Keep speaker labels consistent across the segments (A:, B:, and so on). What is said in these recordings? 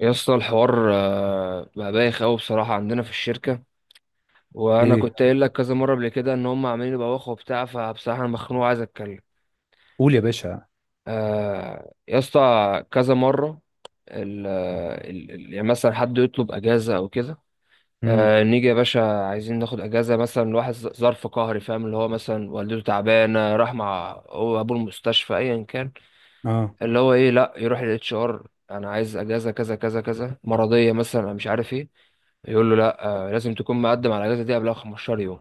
A: يا اسطى الحوار بقى بايخ قوي بصراحه عندنا في الشركه. وانا
B: ليه؟
A: كنت قايل لك كذا مره قبل كده ان هم عاملين يبوخوا وبتاع، فبصراحه انا مخنوق عايز اتكلم.
B: قول يا باشا.
A: يا اسطى كذا مره ال آه، ال ال- يعني مثلا حد يطلب اجازه او كده.
B: امم.
A: نيجي يا باشا عايزين ناخد اجازه مثلا لواحد ظرف قهري، فاهم؟ اللي هو مثلا والدته تعبانه راح مع هو ابوه المستشفى ايا كان.
B: اه.
A: اللي هو ايه، لا يروح للاتش ار انا عايز اجازه كذا كذا كذا مرضيه مثلا، أنا مش عارف ايه. يقول له لا، لازم تكون مقدم على الاجازه دي قبلها 15 يوم.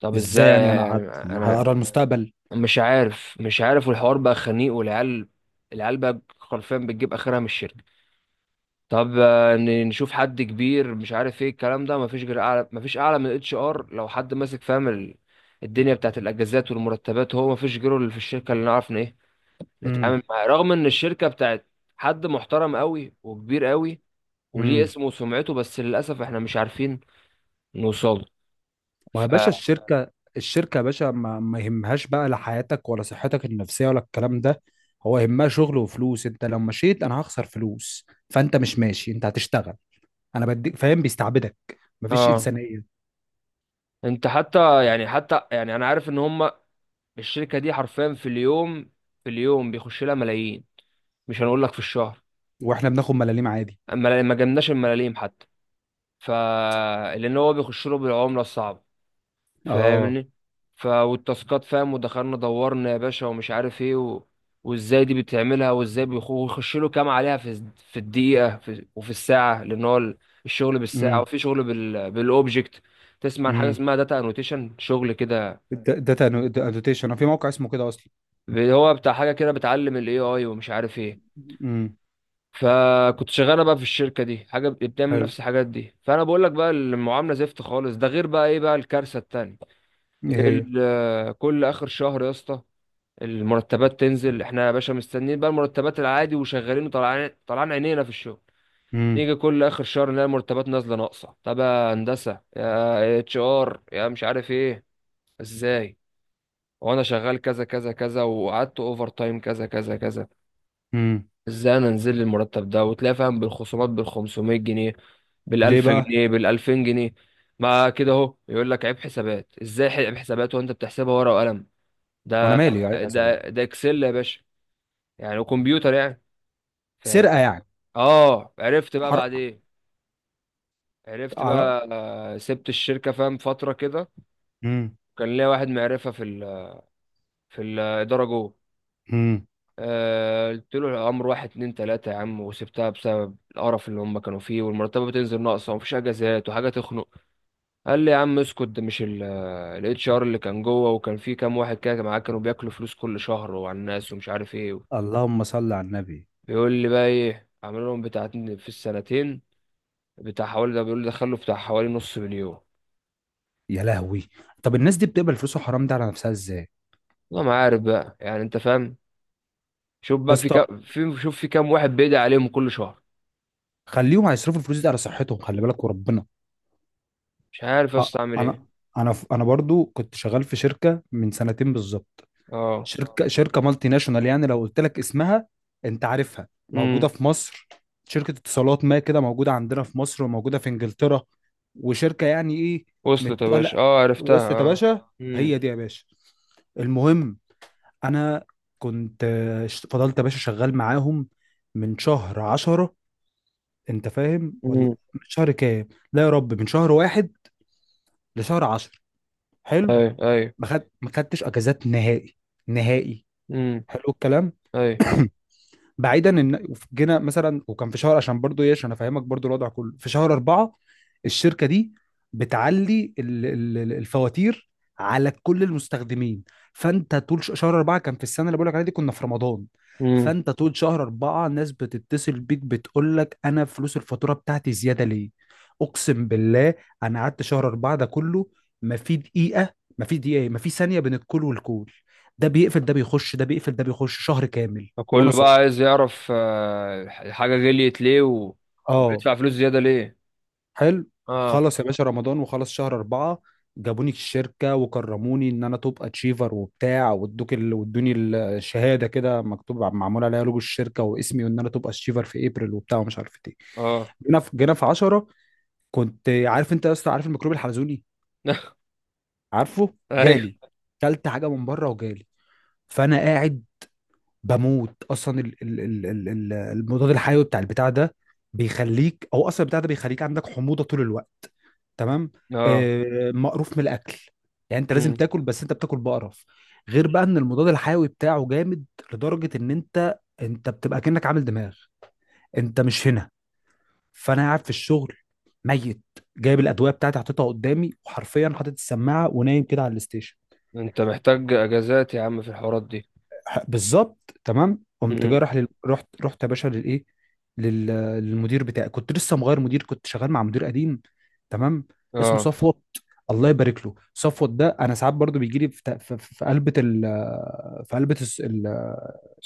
A: طب
B: ازاي
A: ازاي
B: يعني
A: يعني انا
B: هقرا المستقبل؟
A: مش عارف والحوار بقى خنيق والعيال. العيال بقى حرفيا بتجيب اخرها من الشركه. طب نشوف حد كبير مش عارف ايه الكلام ده، مفيش غير اعلى، مفيش اعلى من الاتش ار. لو حد ماسك فاهم الدنيا بتاعت الاجازات والمرتبات، هو مفيش غيره اللي في الشركه اللي نعرف إن ايه نتعامل
B: امم.
A: معاه، رغم ان الشركه بتاعت حد محترم قوي وكبير قوي وليه
B: امم.
A: اسمه وسمعته، بس للاسف احنا مش عارفين نوصله.
B: ويا
A: ف
B: باشا الشركه يا باشا ما يهمهاش بقى لا حياتك ولا صحتك النفسيه ولا الكلام ده. هو يهمها شغل وفلوس، انت لو مشيت انا هخسر فلوس، فانت مش ماشي، انت هتشتغل. انا بديك، فاهم؟ بيستعبدك. مفيش
A: اه
B: انسانيه.
A: انت حتى يعني انا عارف ان هم الشركه دي حرفيا في اليوم. في اليوم بيخش لها ملايين، مش هنقول لك في الشهر.
B: واحنا بناخد ملاليم عادي.
A: اما ما جبناش الملاليم حتى. ف لان هو بيخش له بالعمله الصعبه،
B: اه.
A: فاهمني؟ والتاسكات، فاهم؟ ودخلنا دورنا يا باشا ومش عارف ايه وازاي دي بتعملها، وازاي بيخش له كام عليها في في الدقيقه وفي الساعه، لان هو الشغل بالساعه
B: امم.
A: وفي شغل بالاوبجكت. تسمع عن حاجه
B: امم.
A: اسمها داتا انوتيشن شغل كده؟
B: داتا انوتيشن في موقع اسمه كده اصلا.
A: هو بتاع حاجه كده بتعلم الاي اي ومش عارف ايه.
B: امم.
A: فكنت شغاله بقى في الشركه دي حاجه بتعمل
B: حلو.
A: نفس الحاجات دي، فانا بقول لك بقى المعامله زفت خالص. ده غير بقى ايه، بقى الكارثه التانيه.
B: ايه؟ هي.
A: كل اخر شهر يا اسطى المرتبات تنزل. احنا يا باشا مستنيين بقى المرتبات العادي وشغالين وطلعان طلعان عينينا في الشغل.
B: امم.
A: نيجي كل اخر شهر نلاقي المرتبات نازله ناقصه. طب يا هندسه، يا اتش ار، يا مش عارف ايه، ازاي؟ وانا شغال كذا كذا كذا وقعدت اوفر تايم كذا كذا كذا،
B: امم.
A: ازاي انا انزل لي المرتب ده؟ وتلاقي فاهم بالخصومات بال 500 جنيه، بال
B: ليه
A: 1000
B: بقى؟
A: جنيه بال 2000 جنيه. ما كده اهو، يقول لك عيب حسابات. ازاي عيب حسابات وانت بتحسبها ورقه وقلم؟
B: وانا
A: ده
B: مالي عيب حسابي؟
A: ده ده اكسل يا باشا يعني، وكمبيوتر يعني، فاهم؟
B: سرقه يعني؟
A: اه، عرفت بقى
B: حرقه.
A: بعدين. عرفت
B: على.
A: بقى، سبت الشركة فاهم فترة كده.
B: امم.
A: كان ليا واحد معرفة في في الإدارة جوه.
B: امم.
A: قلت له الأمر واحد اتنين تلاتة يا عم، وسبتها بسبب القرف اللي هم كانوا فيه، والمرتبة بتنزل ناقصة، ومفيش أجازات، وحاجة تخنق. قال لي يا عم اسكت، ده مش اتش ار اللي كان جوه وكان فيه كام واحد كده معاه كانوا بياكلوا فلوس كل شهر وعلى الناس ومش عارف ايه.
B: اللهم صل على النبي.
A: بيقول لي بقى ايه عملوا لهم بتاع في السنتين، بتاع حوالي، ده بيقول لي دخلوا بتاع حوالي نص مليون.
B: يا لهوي! طب الناس دي بتقبل فلوس الحرام ده على نفسها ازاي؟
A: والله ما عارف بقى يعني، انت فاهم. شوف
B: يا
A: بقى في
B: اسطى،
A: كام، شوف في كام واحد بيدعي عليهم كل شهر.
B: خليهم هيصرفوا الفلوس دي على صحتهم، خلي بالك، وربنا.
A: مش عارف يا
B: أ-
A: اسطى اعمل ايه.
B: انا انا برضو كنت شغال في شركه من سنتين بالظبط.
A: اه.
B: شركه مالتي ناشونال، يعني لو قلت لك اسمها انت عارفها. موجوده
A: امم.
B: في مصر، شركه اتصالات، ما كده موجوده عندنا في مصر وموجوده في انجلترا، وشركه يعني ايه،
A: وصلت يا
B: متطلع
A: باشا، اه عرفتها،
B: وسط يا
A: اه.
B: باشا.
A: امم.
B: هي دي يا باشا. المهم، انا كنت فضلت يا باشا شغال معاهم من شهر عشرة. انت فاهم ولا؟
A: امم.
B: من شهر كام؟ لا يا رب، من شهر واحد لشهر عشر. حلو.
A: ايوه، ايوه.
B: ما خدتش اجازات نهائي، نهائي.
A: امم.
B: حلو الكلام.
A: ايوه.
B: بعيدا ان جينا مثلا وكان في شهر، عشان برضو ايه عشان افهمك برضو الوضع كله، في شهر أربعة الشركة دي بتعلي الفواتير على كل المستخدمين. فانت طول شهر أربعة، كان في السنة اللي بقولك عليها دي كنا في رمضان.
A: امم.
B: فانت طول شهر أربعة الناس بتتصل بيك بتقول لك انا فلوس الفاتورة بتاعتي زيادة ليه. اقسم بالله، انا قعدت شهر أربعة ده كله ما في دقيقة، ما في دقيقة، ما في ثانية، بين الكل والكل، ده بيقفل ده بيخش ده بيقفل ده بيخش، شهر كامل وانا
A: فكله بقى
B: صايم.
A: عايز يعرف الحاجة غليت ليه
B: اه.
A: وبيدفع فلوس زيادة ليه.
B: حلو.
A: اه.
B: خلص يا باشا رمضان وخلص شهر أربعة، جابوني الشركة وكرموني إن أنا توب أتشيفر وبتاع، وادوني الشهادة كده مكتوب معمول عليها لوجو الشركة واسمي، وإن أنا توب أتشيفر في أبريل وبتاع ومش عارف إيه.
A: اه.
B: جينا في 10، كنت عارف أنت يا اسطى عارف الميكروب الحلزوني؟ عارفه،
A: ايوه.
B: جالي. كلت حاجة من بره وجالي. فأنا قاعد بموت أصلا، المضاد الحيوي بتاع البتاع ده بيخليك، أو أصلا البتاع ده بيخليك عندك حموضة طول الوقت، تمام؟
A: اه.
B: مقروف من الاكل، يعني انت لازم
A: امم.
B: تاكل بس انت بتاكل بقرف. غير بقى ان المضاد الحيوي بتاعه جامد لدرجه ان انت بتبقى كأنك عامل دماغ، انت مش هنا. فانا قاعد في الشغل ميت، جايب الادويه بتاعتي حاططها قدامي وحرفيا حاطط السماعه ونايم كده على الستيشن.
A: انت محتاج اجازات يا عم في الحوارات دي.
B: بالظبط، تمام. قمت جاي
A: امم.
B: راح لل... رحت رحت يا باشا لل... للمدير بتاعي، كنت لسه مغير مدير، كنت شغال مع مدير قديم، تمام، اسمه
A: اه.
B: صفوت. الله يبارك له، صفوت ده انا ساعات برضو بيجي لي في قلبه، ال... في قلبه الس- ال...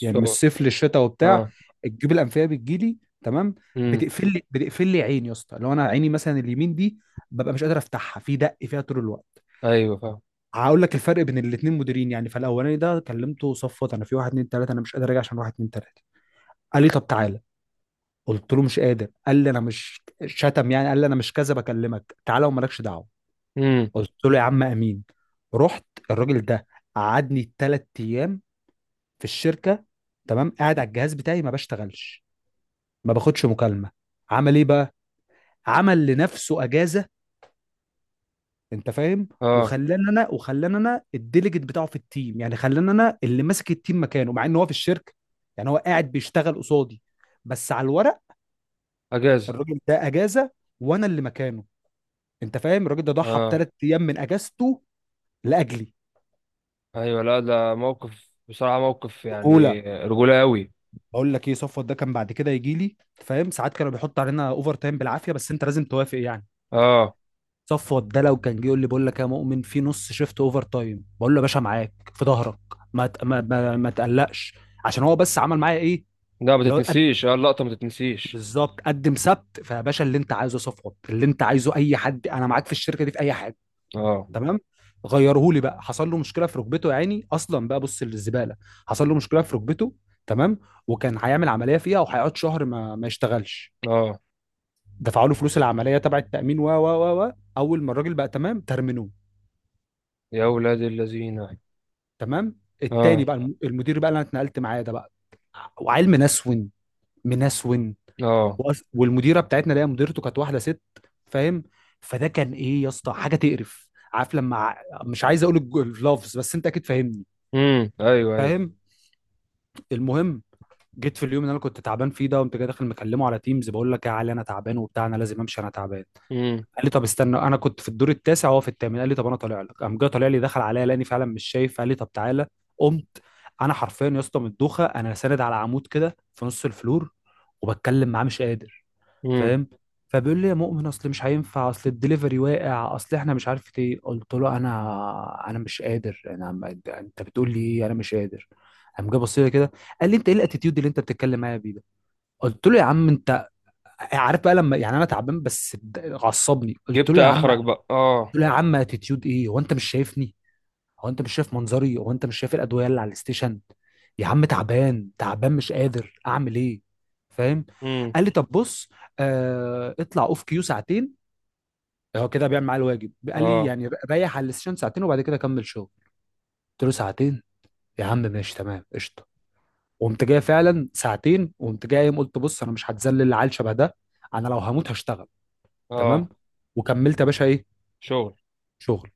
B: يعني
A: سو.
B: من الصيف للشتاء وبتاع،
A: اه.
B: الجيوب الانفيه بتجي لي، تمام.
A: امم.
B: بتقفل لي عين يا اسطى، لو انا عيني مثلا اليمين دي، ببقى مش قادر افتحها، في دق فيها طول الوقت.
A: ايوه.
B: هقول لك الفرق بين الاثنين مديرين، يعني فالاولاني ده كلمته، صفت انا في واحد اتنين تلاته، انا مش قادر اجي عشان واحد اتنين تلاته. قال لي طب تعالى، قلت له مش قادر. قال لي انا مش شتم يعني، قال لي انا مش كذا، بكلمك تعالى ومالكش دعوه.
A: فاهم.
B: قلت له يا عم، امين. رحت. الراجل ده قعدني ثلاث ايام في الشركه، تمام، قاعد على الجهاز بتاعي ما بشتغلش، ما باخدش مكالمه. عمل ايه بقى؟ عمل لنفسه اجازه. انت فاهم؟
A: اه.
B: وخلاني انا الديليجيت بتاعه في التيم، يعني خلاني انا اللي ماسك التيم مكانه مع ان هو في الشركه، يعني هو قاعد بيشتغل قصادي بس على الورق.
A: اجازه.
B: الراجل ده اجازه وانا اللي مكانه. انت فاهم؟ الراجل ده ضحى
A: اه.
B: بثلاث ايام من اجازته لاجلي.
A: ايوه، لا ده موقف بصراحه، موقف يعني
B: رجوله.
A: رجوله قوي.
B: بقول لك ايه، صفوت ده كان بعد كده يجي لي، فاهم، ساعات كانوا بيحط علينا اوفر تايم بالعافيه بس انت لازم توافق يعني.
A: اه.
B: صفوت ده لو كان جه يقول لي، بقول لك يا مؤمن في نص شيفت اوفر تايم، بقول له يا باشا معاك في ظهرك، ما ت- ما ما, ما تقلقش، عشان هو بس عمل معايا ايه
A: لا ما
B: اللي هو قد.
A: تتنسيش، اه اللقطه ما تتنسيش.
B: بالظبط، قدم سبت فيا باشا، اللي انت عايزه يا صفوت، اللي انت عايزه اي حد، انا معاك في الشركه دي في اي حاجه،
A: اه.
B: تمام. غيرهولي بقى، حصل له مشكله في ركبته، يا عيني اصلا، بقى بص للزباله. حصل له مشكله في ركبته، تمام، وكان هيعمل عمليه فيها وهيقعد شهر ما يشتغلش.
A: اه.
B: دفعوا له فلوس العمليه تبع التامين و و و و. اول ما الراجل بقى تمام ترمنوه.
A: يا اولاد الذين، اه.
B: تمام. التاني بقى المدير بقى اللي انا اتنقلت معاه ده بقى، وعيل منسون، منسون.
A: اه.
B: والمديره بتاعتنا اللي هي مديرته كانت واحده ست، فاهم؟ فده كان ايه يا اسطى، حاجه تقرف، عارف لما مش عايز اقول اللفظ، بس انت اكيد فاهمني،
A: امم. ايوه، ايوه.
B: فاهم؟ المهم، جيت في اليوم اللي انا كنت تعبان فيه ده، قمت جاي داخل مكلمه على تيمز، بقول لك يا علي انا تعبان وبتاع، انا لازم امشي، انا تعبان.
A: امم.
B: قال لي طب استنى، انا كنت في الدور التاسع وهو في الثامن، قال لي طب انا طالع لك. قام جه طالع لي، دخل عليا لاني فعلا مش شايف، قال لي طب تعالى. قمت. انا حرفيا يا اسطى من الدوخه انا ساند على عمود كده في نص الفلور، وبتكلم معاه مش قادر،
A: امم.
B: فاهم؟ فبيقول لي يا مؤمن اصل مش هينفع، اصل الدليفري واقع، اصل احنا مش عارف ايه. قلت له انا مش قادر، انا ما- انت بتقول لي ايه، انا مش قادر. قام جه بص لي كده، قال لي انت ايه الاتيتيود اللي انت بتتكلم معايا بيه ده؟ قلت له يا عم انت، عارف بقى لما يعني انا تعبان بس عصبني، قلت
A: جبت
B: له يا عم
A: اخرك بقى، اه.
B: قلت له يا عم اتيتيود ايه؟ هو انت مش شايفني؟ هو انت مش شايف منظري؟ هو انت مش شايف الادويه اللي على الستيشن؟ يا عم تعبان، تعبان، مش قادر اعمل ايه، فاهم؟
A: امم.
B: قال لي طب بص، اطلع اوف كيو ساعتين، هو كده بيعمل معايا الواجب، قال لي
A: اه.
B: يعني ريح على الستيشن ساعتين وبعد كده كمل شغل. قلت له ساعتين؟ يا عم ماشي، تمام، قشطه. وقمت جاي فعلا ساعتين، وقمت جاي قايم قلت بص انا مش هتذلل العيال شبه ده، انا لو هموت هشتغل، تمام.
A: اه.
B: وكملت يا باشا ايه،
A: شغل.
B: شغل.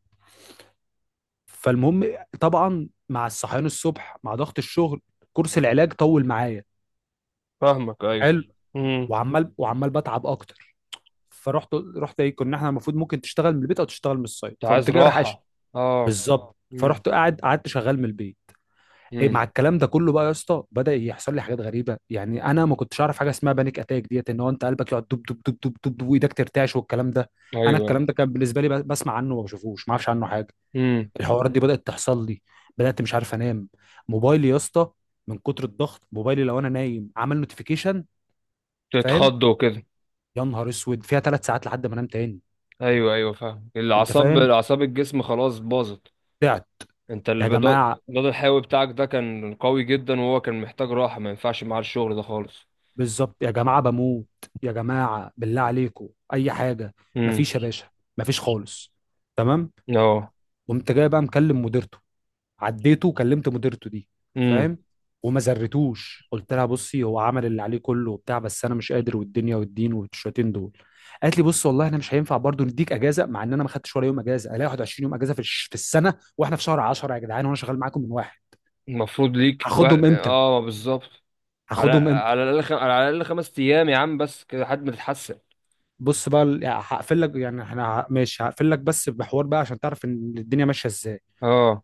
B: فالمهم، طبعا مع الصحيان الصبح مع ضغط الشغل، كورس العلاج طول معايا،
A: فاهمك، ايوه.
B: حلو.
A: امم.
B: وعمال وعمال بتعب اكتر. فرحت رحت ايه، كنا احنا المفروض ممكن تشتغل من البيت او تشتغل من السايت،
A: انت عايز
B: فقمت جاي
A: راحه. اه.
B: بالظبط،
A: امم.
B: فرحت قاعد قعدت شغال من البيت. ايه،
A: امم.
B: مع الكلام ده كله بقى يا اسطى بدأ يحصل لي حاجات غريبه، يعني انا ما كنتش اعرف حاجه اسمها بانيك اتاك، ديت ان هو انت قلبك يقعد دب دب دب دب دب، وايدك ترتعش والكلام ده.
A: ايوه،
B: انا
A: ايوه.
B: الكلام ده كان بالنسبه لي بسمع عنه وما بشوفوش، ما اعرفش عنه حاجه.
A: امم.
B: الحوارات دي بدأت تحصل لي، بدأت مش عارف انام. موبايلي يا اسطى من كتر الضغط، موبايلي لو انا نايم عمل نوتيفيكيشن، فاهم،
A: تتخضوا كده.
B: يا نهار اسود، فيها ثلاث ساعات لحد ما انام تاني.
A: ايوه، ايوه، فاهم.
B: انت
A: الاعصاب،
B: فاهم،
A: اعصاب الجسم خلاص باظت.
B: تعب.
A: انت
B: يا
A: البدل،
B: جماعة،
A: البدل الحيوي بتاعك ده كان قوي جدا، وهو كان محتاج راحه، ما ينفعش معاه الشغل ده خالص.
B: بالظبط يا جماعة بموت، يا جماعة بالله عليكم اي حاجة،
A: امم.
B: مفيش يا باشا، مفيش خالص، تمام.
A: اه.
B: قمت جاي بقى مكلم مديرته، عديته، كلمت مديرته دي،
A: امم.
B: فاهم، وما زرتوش. قلت لها بصي، هو عمل اللي عليه كله وبتاع، بس انا مش قادر، والدنيا والدين والشويتين دول. قالت لي بص والله احنا مش هينفع برضو نديك اجازه، مع ان انا ما خدتش ولا يوم اجازه، الاقي 21 يوم اجازه في السنه، واحنا في شهر 10 يا جدعان وانا شغال معاكم من واحد.
A: المفروض ليك
B: هاخدهم امتى؟
A: اه بالظبط. على
B: هاخدهم امتى؟
A: على الاقل، على الاقل خمس ايام يا عم بس كده لحد ما تتحسن.
B: بص بقى يعني هقفل لك، يعني احنا ماشي، هقفل لك بس بحوار بقى عشان تعرف ان الدنيا ماشيه ازاي.
A: اه.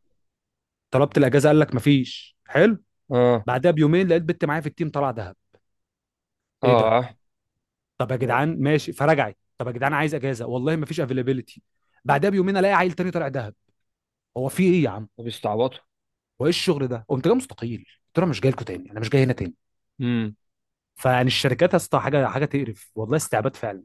B: طلبت الاجازه، قال لك مفيش، حلو.
A: اه.
B: بعدها بيومين لقيت بنت معايا في التيم طالعه دهب.
A: اه.
B: ايه ده؟
A: آه.
B: طب يا
A: ما
B: جدعان ماشي، فرجعت طب يا جدعان عايز اجازه، والله ما فيش افيلابيلتي. بعدها بيومين الاقي عيل تاني طالع دهب، هو في ايه يا عم؟
A: ما بيستعبطوا.
B: هو ايه الشغل ده؟ قمت جاي مستقيل، قلت له أنا مش جاي لكم تاني، انا مش جاي هنا تاني.
A: امم.
B: فيعني الشركات يا اسطى حاجه، حاجه تقرف والله، استعباد فعلا.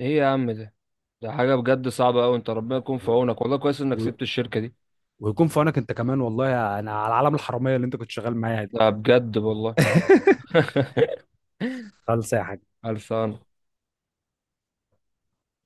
A: ايه يا عم ده؟ ده حاجه بجد صعبه قوي. انت ربنا يكون في عونك، والله كويس انك
B: و...
A: سبت الشركه دي.
B: ويكون في عونك انت كمان والله، انا على العالم الحراميه اللي انت كنت شغال معايا دي.
A: ده بجد والله.
B: خلص يا حاج.
A: خلصان.